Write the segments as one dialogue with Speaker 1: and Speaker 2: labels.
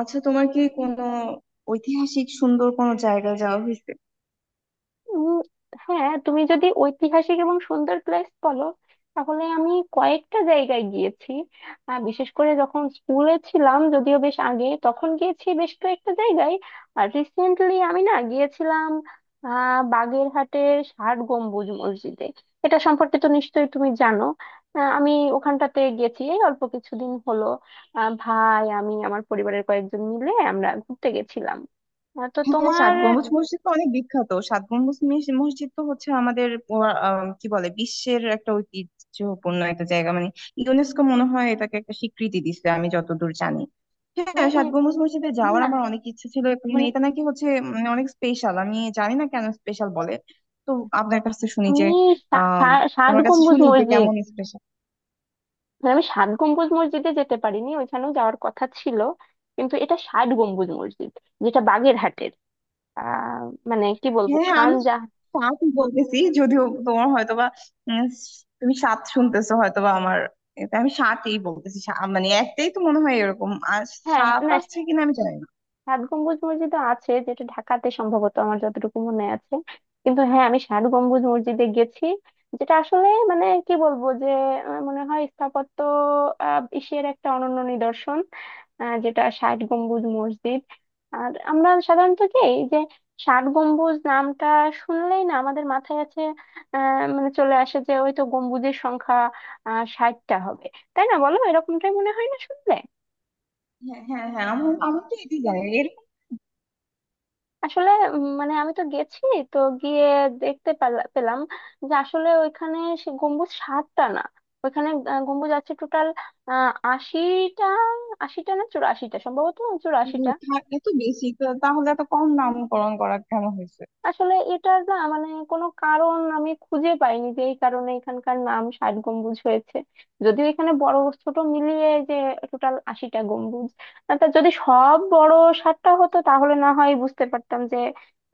Speaker 1: আচ্ছা, তোমার কি কোনো ঐতিহাসিক সুন্দর কোনো জায়গায় যাওয়া হয়েছে?
Speaker 2: উম, হ্যাঁ, তুমি যদি ঐতিহাসিক এবং সুন্দর প্লেস বলো, তাহলে আমি কয়েকটা জায়গায় গিয়েছি। বিশেষ করে যখন স্কুলে ছিলাম, যদিও বেশ আগে, তখন গিয়েছি বেশ কয়েকটা জায়গায়। আর রিসেন্টলি আমি না গিয়েছিলাম বাগেরহাটের ষাট গম্বুজ মসজিদে। এটা সম্পর্কে তো নিশ্চয়ই তুমি জানো। আমি ওখানটাতে গেছি এই অল্প কিছুদিন হলো। ভাই, আমি আমার পরিবারের কয়েকজন মিলে আমরা ঘুরতে গেছিলাম। তো
Speaker 1: হ্যাঁ, সাত
Speaker 2: তোমার...
Speaker 1: গম্বুজ মসজিদ তো অনেক বিখ্যাত। সাত গম্বুজ মসজিদ তো হচ্ছে আমাদের কি বলে, বিশ্বের একটা ঐতিহ্যপূর্ণ একটা জায়গা। মানে ইউনেস্কো মনে হয় এটাকে একটা স্বীকৃতি দিচ্ছে, আমি যতদূর জানি।
Speaker 2: এ-
Speaker 1: হ্যাঁ, সাত
Speaker 2: এ-
Speaker 1: গম্বুজ মসজিদে যাওয়ার
Speaker 2: না,
Speaker 1: আমার অনেক ইচ্ছে ছিল, এবং
Speaker 2: মানে
Speaker 1: এটা নাকি হচ্ছে অনেক স্পেশাল। আমি জানি না কেন স্পেশাল বলে। তো আপনার কাছে শুনি যে
Speaker 2: আমি সা-
Speaker 1: আহ
Speaker 2: সা- ষাট
Speaker 1: তোমার কাছে
Speaker 2: গম্বুজ
Speaker 1: শুনি যে
Speaker 2: মসজিদ।
Speaker 1: কেমন স্পেশাল।
Speaker 2: মানে আমি ষাট গম্বুজ মসজিদে যেতে পারিনি, ওইখানেও যাওয়ার কথা ছিল, কিন্তু এটা ষাট গম্বুজ মসজিদ, যেটা বাগেরহাটের। আহ মানে কি বলবো,
Speaker 1: হ্যাঁ, হ্যাঁ,
Speaker 2: খান
Speaker 1: আমি
Speaker 2: জাহ...
Speaker 1: সাত বলতেছি, যদিও তোমার হয়তোবা উম, তুমি সাত শুনতেছো হয়তোবা। আমার এটা আমি সাতই বলতেছি। মানে একটাই তো মনে হয় এরকম। আর
Speaker 2: হ্যাঁ, হ্যাঁ,
Speaker 1: সাত
Speaker 2: না,
Speaker 1: আসছে কিনা আমি জানি না।
Speaker 2: ষাট গম্বুজ মসজিদ আছে যেটা ঢাকাতে, সম্ভবত আমার যতটুকু মনে আছে। কিন্তু হ্যাঁ, আমি ষাট গম্বুজ মসজিদে গেছি, যেটা আসলে মানে কি বলবো যে মনে হয় স্থাপত্য, এশিয়ার একটা অনন্য নিদর্শন, যেটা ষাট গম্বুজ মসজিদ। আর আমরা সাধারণত কি এই যে ষাট গম্বুজ নামটা শুনলেই না আমাদের মাথায় আছে, মানে চলে আসে যে ওই তো গম্বুজের সংখ্যা 60টা হবে, তাই না, বলো? এরকমটাই মনে হয় না শুনলে।
Speaker 1: হ্যাঁ, হ্যাঁ, হ্যাঁ, আমার আমার তো এটাই জানি এরকম।
Speaker 2: আসলে, মানে আমি তো গেছি, তো গিয়ে দেখতে পেলাম যে আসলে ওইখানে সে গম্বুজ সাতটা না, ওইখানে গম্বুজ আছে টোটাল 80টা। আশিটা না, 84টা সম্ভবত। 84টা।
Speaker 1: এত বেশি তো তাহলে এত কম নামকরণ করা কেন হয়েছে?
Speaker 2: আসলে এটার না মানে কোনো কারণ আমি খুঁজে পাইনি যে এই কারণে এখানকার নাম ষাট গম্বুজ হয়েছে, যদিও এখানে বড়, ছোট মিলিয়ে যে টোটাল 80টা গম্বুজ, আর তা যদি সব বড় 60টা হতো, তাহলে না হয় বুঝতে পারতাম যে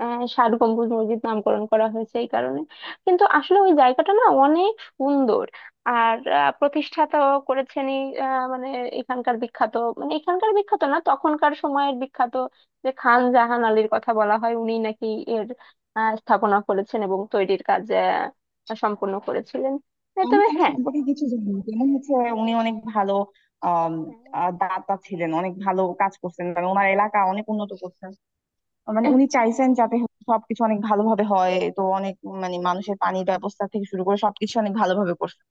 Speaker 2: ষাট গম্বুজ মসজিদ নামকরণ করা হয়েছে এই কারণে। কিন্তু আসলে ওই জায়গাটা না অনেক সুন্দর। আর প্রতিষ্ঠাতাও করেছেন এই মানে এখানকার বিখ্যাত, মানে এখানকার বিখ্যাত না তখনকার সময়ের বিখ্যাত যে খান জাহান আলীর কথা বলা হয়, উনি নাকি স্থাপনা করেছেন এবং তৈরির কাজ সম্পূর্ণ করেছিলেন। এ
Speaker 1: আমি
Speaker 2: তবে...
Speaker 1: তার সম্পর্কে কিছু জানি না। যেমন হচ্ছে উনি অনেক ভালো আম,
Speaker 2: হ্যাঁ,
Speaker 1: আহ দাতা ছিলেন, অনেক ভালো কাজ করছেন, মানে ওনার এলাকা অনেক উন্নত করছেন। মানে উনি চাইছেন যাতে সবকিছু অনেক ভালোভাবে হয়। তো অনেক মানে মানুষের পানির ব্যবস্থা থেকে শুরু করে সবকিছু অনেক ভালোভাবে করছে।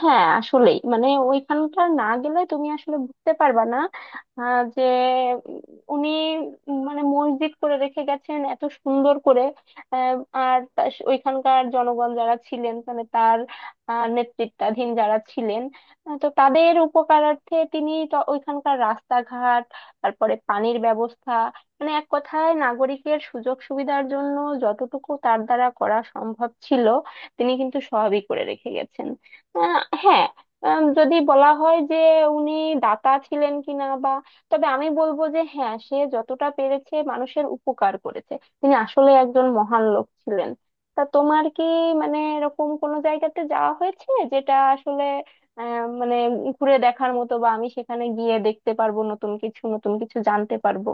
Speaker 2: হ্যাঁ, আসলেই মানে ওইখানকার না গেলে তুমি আসলে বুঝতে পারবা না আহ, যে উম, উনি মানে মসজিদ করে রেখে গেছেন এত সুন্দর করে। আর ওইখানকার জনগণ যারা ছিলেন, মানে তার নেতৃত্বাধীন যারা ছিলেন, তো তাদের উপকারার্থে তিনি তো ওইখানকার রাস্তাঘাট, তারপরে পানির ব্যবস্থা, মানে এক কথায় নাগরিকের সুযোগ সুবিধার জন্য যতটুকু তার দ্বারা করা সম্ভব ছিল, তিনি কিন্তু সবই করে রেখে গেছেন। হ্যাঁ। যদি বলা হয় যে উনি দাতা ছিলেন কিনা বা, তবে আমি বলবো যে হ্যাঁ, সে যতটা পেরেছে মানুষের উপকার করেছে। তিনি আসলে একজন মহান লোক ছিলেন। তা তোমার কি মানে এরকম কোনো জায়গাতে যাওয়া হয়েছে যেটা আসলে মানে ঘুরে দেখার মতো, বা আমি সেখানে গিয়ে দেখতে পারবো, নতুন কিছু নতুন কিছু জানতে পারবো?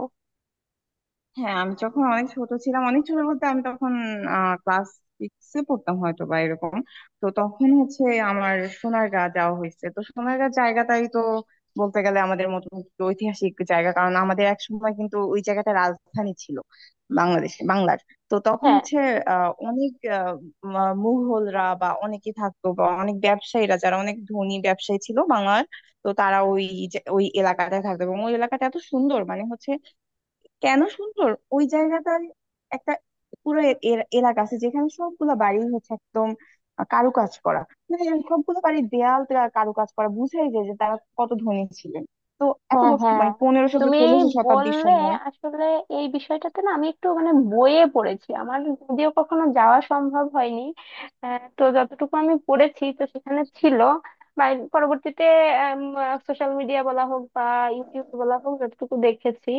Speaker 1: হ্যাঁ, আমি যখন অনেক ছোট ছিলাম, অনেক ছোট বলতে আমি তখন ক্লাস সিক্সে পড়তাম হয়তো বা এরকম। তো তখন হচ্ছে আমার সোনারগাঁ যাওয়া হয়েছে। তো সোনারগাঁ জায়গাটাই তো বলতে গেলে আমাদের মতো একটু ঐতিহাসিক জায়গা, কারণ আমাদের একসময় কিন্তু ওই জায়গাটা রাজধানী ছিল বাংলাদেশ বাংলার। তো তখন
Speaker 2: হ্যাঁ,
Speaker 1: হচ্ছে অনেক মুঘলরা বা অনেকে থাকতো, বা অনেক ব্যবসায়ীরা যারা অনেক ধনী ব্যবসায়ী ছিল বাংলার। তো তারা ওই ওই এলাকাটায় থাকতো, এবং ওই এলাকাটা এত সুন্দর মানে হচ্ছে। কেন সুন্দর? ওই জায়গাটার একটা পুরো এলাকা আছে যেখানে সবগুলো বাড়ি হচ্ছে একদম কারুকাজ করা। মানে সবগুলো বাড়ির দেয়াল টেয়াল কারুকাজ করা, বুঝাই যায় যে তারা কত ধনী ছিলেন। তো এত
Speaker 2: হ্যাঁ,
Speaker 1: বছর
Speaker 2: হ্যাঁ।
Speaker 1: মানে 1500 বা
Speaker 2: তুমি
Speaker 1: 1600 শতাব্দীর
Speaker 2: বললে
Speaker 1: সময়।
Speaker 2: আসলে এই বিষয়টাতে না আমি একটু মানে বইয়ে পড়েছি, আমার যদিও কখনো যাওয়া সম্ভব হয়নি। তো যতটুকু আমি পড়েছি, তো সেখানে ছিল বা পরবর্তীতে সোশ্যাল মিডিয়া বলা হোক বা ইউটিউব বলা হোক, যতটুকু দেখেছি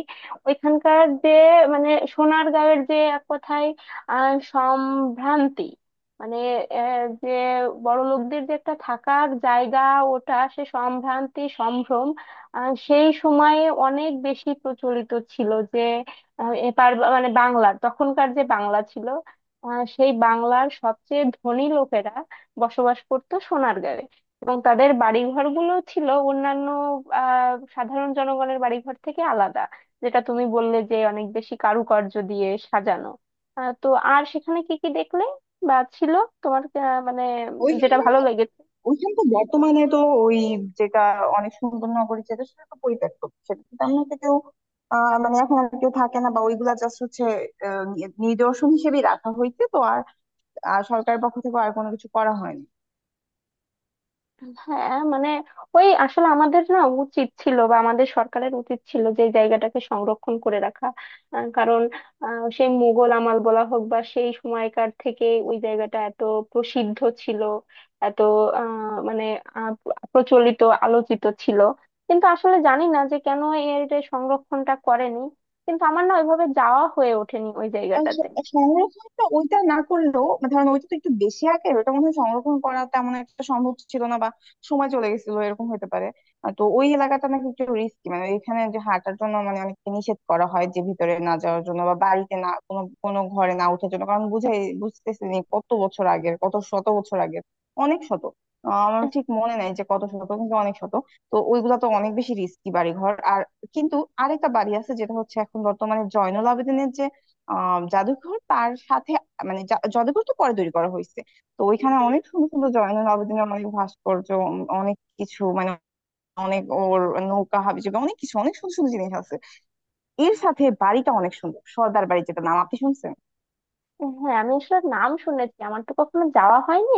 Speaker 2: ওইখানকার যে, মানে সোনারগাঁয়ের যে এক কথায় সম্ভ্রান্তি, মানে যে বড় লোকদের যে একটা থাকার জায়গা, ওটা সে সম্ভ্রান্তি সম্ভ্রম সেই সময়ে অনেক বেশি প্রচলিত ছিল যে এ মানে বাংলার তখনকার যে বাংলা ছিল, সেই বাংলার সবচেয়ে ধনী লোকেরা বসবাস করত সোনারগাঁয়ে। এবং তাদের বাড়িঘর গুলো ছিল অন্যান্য সাধারণ জনগণের বাড়িঘর থেকে আলাদা, যেটা তুমি বললে যে অনেক বেশি কারুকার্য দিয়ে সাজানো। তো আর সেখানে কি কি দেখলে বা ছিল তোমার, মানে যেটা
Speaker 1: ওইখানে
Speaker 2: ভালো লেগেছে?
Speaker 1: ওইখানে তো বর্তমানে তো ওই যেটা অনেক সুন্দর নগরী, যেটা সেটা তো পরিত্যক্ত। সেটা তো তেমন একটা কেউ মানে এখন আর কেউ থাকে না, বা ওইগুলা জাস্ট হচ্ছে আহ, নিদর্শন হিসেবে রাখা হয়েছে। তো আর আর সরকারের পক্ষ থেকে আর কোনো কিছু করা হয়নি।
Speaker 2: হ্যাঁ, মানে ওই আসলে আমাদের না উচিত ছিল বা আমাদের সরকারের উচিত ছিল যে এই জায়গাটাকে সংরক্ষণ করে রাখা। কারণ সেই মুঘল আমল বলা হোক বা সেই সময়কার থেকে ওই জায়গাটা এত প্রসিদ্ধ ছিল, এত মানে আহ, প্রচলিত, আলোচিত ছিল। কিন্তু আসলে জানি না যে কেন এর যে সংরক্ষণটা করেনি, কিন্তু আমার না ওইভাবে যাওয়া হয়ে ওঠেনি ওই
Speaker 1: আহ
Speaker 2: জায়গাটাতে।
Speaker 1: স- সংরক্ষণটা ওইটা না করলেও মানে ধরেন ওইটা তো একটু বেশি আগের, ওটা মনে হয় সংরক্ষণ করা তেমন একটা সম্ভব ছিল না, বা সময় চলে গেছিল এরকম হতে পারে। তো ওই এলাকাটা নাকি একটু রিস্কি, মানে এখানে যে হাঁটার জন্য মানে অনেককে নিষেধ করা হয় যে ভিতরে না যাওয়ার জন্য, বা বাড়িতে না, কোনো কোনো ঘরে না ওঠার জন্য, কারণ বুঝাই বুঝতেছি নি কত বছর আগের, কত শত বছর আগের, অনেক শত। আমার ঠিক মনে নাই যে কত শত, কিন্তু অনেক শত। তো ওইগুলা তো অনেক বেশি রিস্কি বাড়িঘর আর। কিন্তু আরেকটা বাড়ি আছে যেটা হচ্ছে এখন বর্তমানে জাদুঘর, তার সাথে মানে জাদুঘর তো পরে তৈরি করা হয়েছে। তো ওইখানে অনেক সুন্দর সুন্দর জয়নুল আবেদিনের অনেক ভাস্কর্য, অনেক কিছু, মানে অনেক ওর নৌকা হাবিজাবি অনেক কিছু, অনেক সুন্দর সুন্দর জিনিস আছে। এর সাথে বাড়িটা অনেক সুন্দর সর্দার বাড়ি, যেটা নাম আপনি শুনছেন।
Speaker 2: হ্যাঁ, আমি আসলে নাম শুনেছি, আমার তো কখনো যাওয়া হয়নি,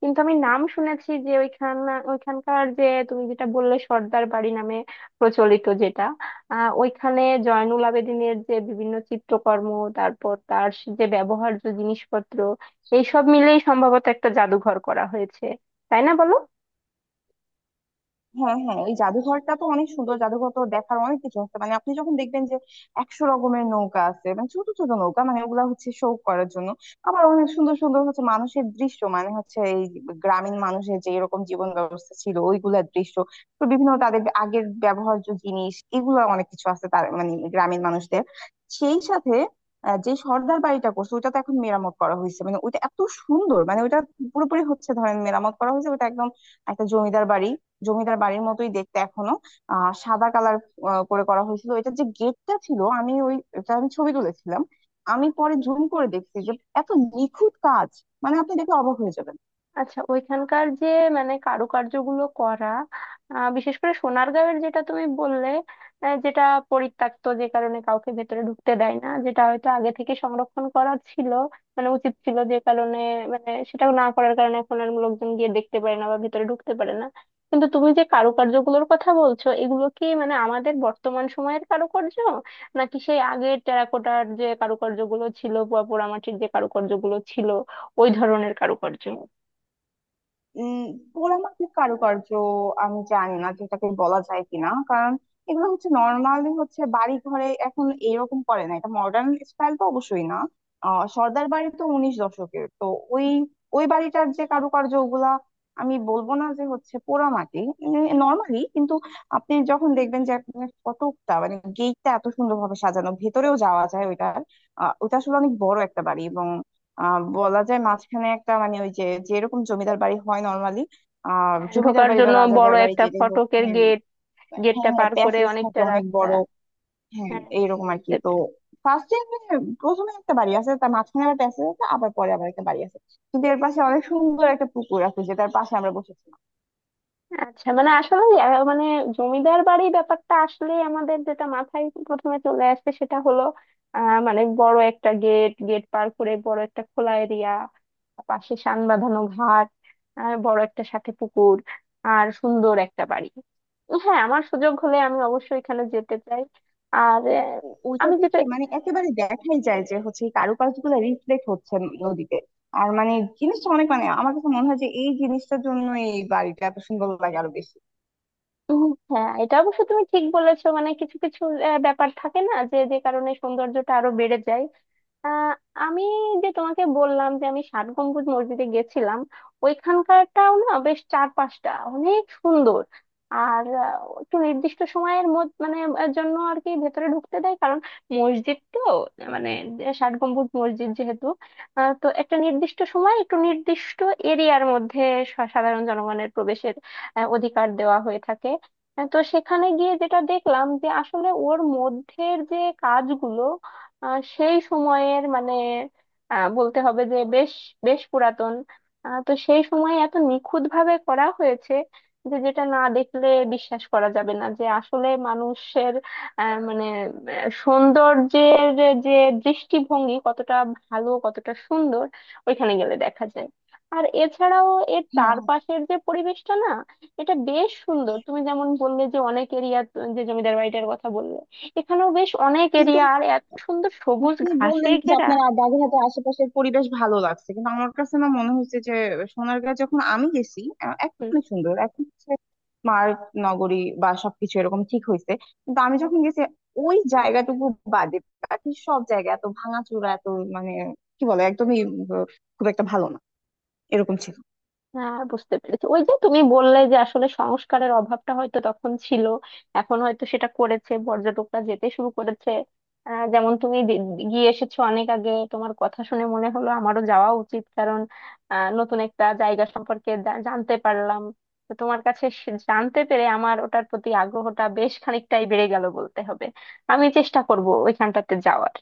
Speaker 2: কিন্তু আমি নাম শুনেছি যে ওইখান, ওইখানকার যে তুমি যেটা বললে সর্দার বাড়ি নামে প্রচলিত, যেটা ওইখানে জয়নুল আবেদিনের যে বিভিন্ন চিত্রকর্ম, তারপর তার যে ব্যবহার্য জিনিসপত্র, এইসব মিলেই সম্ভবত একটা জাদুঘর করা হয়েছে। তাই না, বলো?
Speaker 1: হ্যাঁ, হ্যাঁ, ওই জাদুঘরটা তো অনেক সুন্দর, জাদুঘর তো দেখার অনেক কিছু আছে। মানে আপনি যখন দেখবেন যে 100 রকমের নৌকা আছে, মানে ছোট ছোট নৌকা, মানে ওগুলা হচ্ছে শো করার জন্য। আবার অনেক সুন্দর সুন্দর হচ্ছে মানুষের দৃশ্য, মানে হচ্ছে এই গ্রামীণ মানুষের যে এরকম জীবন ব্যবস্থা ছিল ওইগুলার দৃশ্য। তো বিভিন্ন তাদের আগের ব্যবহার্য জিনিস এগুলো অনেক কিছু আছে, তার মানে গ্রামীণ মানুষদের। সেই সাথে যে সর্দার বাড়িটা করছে ওইটা তো এখন মেরামত করা হয়েছে, মানে ওইটা এত সুন্দর। মানে ওইটা পুরোপুরি হচ্ছে ধরেন মেরামত করা হয়েছে, ওটা একদম একটা জমিদার বাড়ি, জমিদার বাড়ির মতোই দেখতে এখনো। সাদা কালার করে করা হয়েছিল। এটা যে গেটটা ছিল, আমি ওই এটা আমি ছবি তুলেছিলাম। আমি পরে জুম করে দেখছি যে এত নিখুঁত কাজ, মানে আপনি দেখে অবাক হয়ে যাবেন।
Speaker 2: আচ্ছা, ওইখানকার যে মানে কারুকার্যগুলো করা, বিশেষ করে সোনারগাঁওয়ের, যেটা তুমি বললে, যেটা পরিত্যক্ত যে কারণে কাউকে ভেতরে ঢুকতে দেয় না, যেটা হয়তো আগে থেকে সংরক্ষণ করা ছিল মানে উচিত ছিল যে কারণে, মানে সেটা না করার কারণে এখন আর লোকজন গিয়ে দেখতে পারে না বা ভেতরে ঢুকতে পারে না। কিন্তু তুমি যে কারুকার্যগুলোর কথা বলছো, এগুলো কি মানে আমাদের বর্তমান সময়ের কারুকার্য, নাকি সেই আগের টেরাকোটার যে কারুকার্যগুলো ছিল বা পোড়ামাটির যে কারুকার্যগুলো ছিল, ওই ধরনের কারুকার্য?
Speaker 1: উম পোড়ামাটির কারুকার্য আমি জানি না যেটাকে বলা যায় কিনা, কারণ এগুলো হচ্ছে নর্মালি হচ্ছে বাড়ি ঘরে এখন এরকম করে না, এটা মডার্ন স্টাইল তো অবশ্যই না। সর্দার বাড়ি তো 19 দশকের। তো ওই ওই বাড়িটার যে কারুকার্য ওগুলা, আমি বলবো না যে হচ্ছে পোড়ামাটি নর্মালি। কিন্তু আপনি যখন দেখবেন যে আপনার কতটা মানে গেটটা এত সুন্দরভাবে সাজানো, ভেতরেও যাওয়া যায় ওইটার। ওটা আসলে অনেক বড় একটা বাড়ি, এবং বলা যায় মাঝখানে একটা মানে ওই যে যেরকম জমিদার বাড়ি হয় নর্মালি।
Speaker 2: হ্যাঁ,
Speaker 1: জমিদার
Speaker 2: ঢোকার
Speaker 1: বাড়ি বা
Speaker 2: জন্য বড়
Speaker 1: রাজাদের বাড়ি
Speaker 2: একটা
Speaker 1: যেটাই হোক।
Speaker 2: ফটকের
Speaker 1: হ্যাঁ,
Speaker 2: গেট।
Speaker 1: হ্যাঁ,
Speaker 2: গেটটা
Speaker 1: হ্যাঁ,
Speaker 2: পার করে
Speaker 1: প্যাসেজ থাকে
Speaker 2: অনেকটা
Speaker 1: অনেক
Speaker 2: রাস্তা।
Speaker 1: বড়। হ্যাঁ,
Speaker 2: হ্যাঁ,
Speaker 1: এইরকম আর কি।
Speaker 2: বুঝতে
Speaker 1: তো
Speaker 2: পেরেছি।
Speaker 1: ফার্স্টে প্রথমে একটা বাড়ি আছে, তার মাঝখানে আবার প্যাসেজ আছে, আবার পরে আবার একটা বাড়ি আছে। কিন্তু এর পাশে অনেক সুন্দর একটা পুকুর আছে, যেটার পাশে আমরা বসেছিলাম।
Speaker 2: আচ্ছা, মানে আসলে মানে জমিদার বাড়ি ব্যাপারটা আসলে আমাদের যেটা মাথায় প্রথমে চলে আসছে সেটা হলো মানে বড় একটা গেট, গেট পার করে বড় একটা খোলা এরিয়া, পাশে শান বাঁধানো ঘাট, আর বড় একটা সাথে পুকুর, আর সুন্দর একটা বাড়ি। হ্যাঁ, আমার সুযোগ হলে আমি অবশ্যই এখানে যেতে চাই। আর
Speaker 1: তো ওইটা
Speaker 2: আমি যেটা...
Speaker 1: থেকে মানে একেবারে দেখাই যায় যে হচ্ছে এই কারুকার্য গুলো রিফ্লেক্ট হচ্ছে নদীতে। আর মানে জিনিসটা অনেক, মানে আমার কাছে মনে হয় যে এই জিনিসটার জন্য এই বাড়িটা এত সুন্দর লাগে আরো বেশি।
Speaker 2: উম, হ্যাঁ, এটা অবশ্য তুমি ঠিক বলেছো, মানে কিছু কিছু ব্যাপার থাকে না যে যে কারণে সৌন্দর্যটা আরো বেড়ে যায়। আহ, আমি যে তোমাকে গেছিলাম যে আমি ষাট গম্বুজ মসজিদে গেছিলাম, ওইখানকারটাও না বেশ চার পাঁচটা অনেক সুন্দর। আর একটু নির্দিষ্ট সময়ের মধ্যে মানে জন্য আর কি ভেতরে ঢুকতে দেয়, কারণ মসজিদ তো, মানে ষাট গম্বুজ মসজিদ যেহেতু তো একটা নির্দিষ্ট সময় একটু নির্দিষ্ট এরিয়ার মধ্যে সাধারণ জনগণের প্রবেশের অধিকার দেওয়া হয়ে থাকে। তো সেখানে গিয়ে যেটা দেখলাম যে আসলে ওর মধ্যের যে কাজগুলো সেই সময়ের মানে বলতে হবে যে বেশ বেশ পুরাতন। তো সেই সময় এত নিখুঁত ভাবে করা হয়েছে যে যেটা না দেখলে বিশ্বাস করা যাবে না যে আসলে মানুষের মানে সৌন্দর্যের যে দৃষ্টিভঙ্গি কতটা ভালো, কতটা সুন্দর, ওইখানে গেলে দেখা যায়। আর এছাড়াও এর
Speaker 1: হ্যাঁ,
Speaker 2: চারপাশের যে পরিবেশটা না, এটা বেশ সুন্দর। তুমি যেমন বললে যে অনেক এরিয়া, যে জমিদার বাড়িটার কথা বললে, এখানেও বেশ অনেক
Speaker 1: কিন্তু
Speaker 2: এরিয়া আর এত সুন্দর সবুজ
Speaker 1: আপনি
Speaker 2: ঘাসে
Speaker 1: বললেন যে
Speaker 2: ঘেরা।
Speaker 1: আপনার বাগেরহাটের আশেপাশের পরিবেশ ভালো লাগছে, কিন্তু আমার কাছে না মনে হয়েছে যে সোনারগাঁ যখন আমি গেছি এখন
Speaker 2: হুম,
Speaker 1: অনেক সুন্দর, এখন হচ্ছে স্মার্ট নগরী বা সবকিছু এরকম ঠিক হয়েছে। কিন্তু আমি যখন গেছি ওই জায়গাটুকু বাদে বাকি সব জায়গা এত ভাঙাচোরা, এত মানে কি বলে একদমই খুব একটা ভালো না, এরকম ছিল।
Speaker 2: হ্যাঁ, বুঝতে পেরেছি। ওই যে তুমি বললে যে আসলে সংস্কারের অভাবটা হয়তো তখন ছিল, এখন হয়তো সেটা করেছে, পর্যটকরা যেতে শুরু করেছে। যেমন তুমি গিয়ে এসেছো অনেক আগে, তোমার কথা শুনে মনে হলো আমারও যাওয়া উচিত, কারণ নতুন একটা জায়গা সম্পর্কে জানতে পারলাম। তো তোমার কাছে জানতে পেরে আমার ওটার প্রতি আগ্রহটা বেশ খানিকটাই বেড়ে গেল, বলতে হবে আমি চেষ্টা করব ওইখানটাতে যাওয়ার।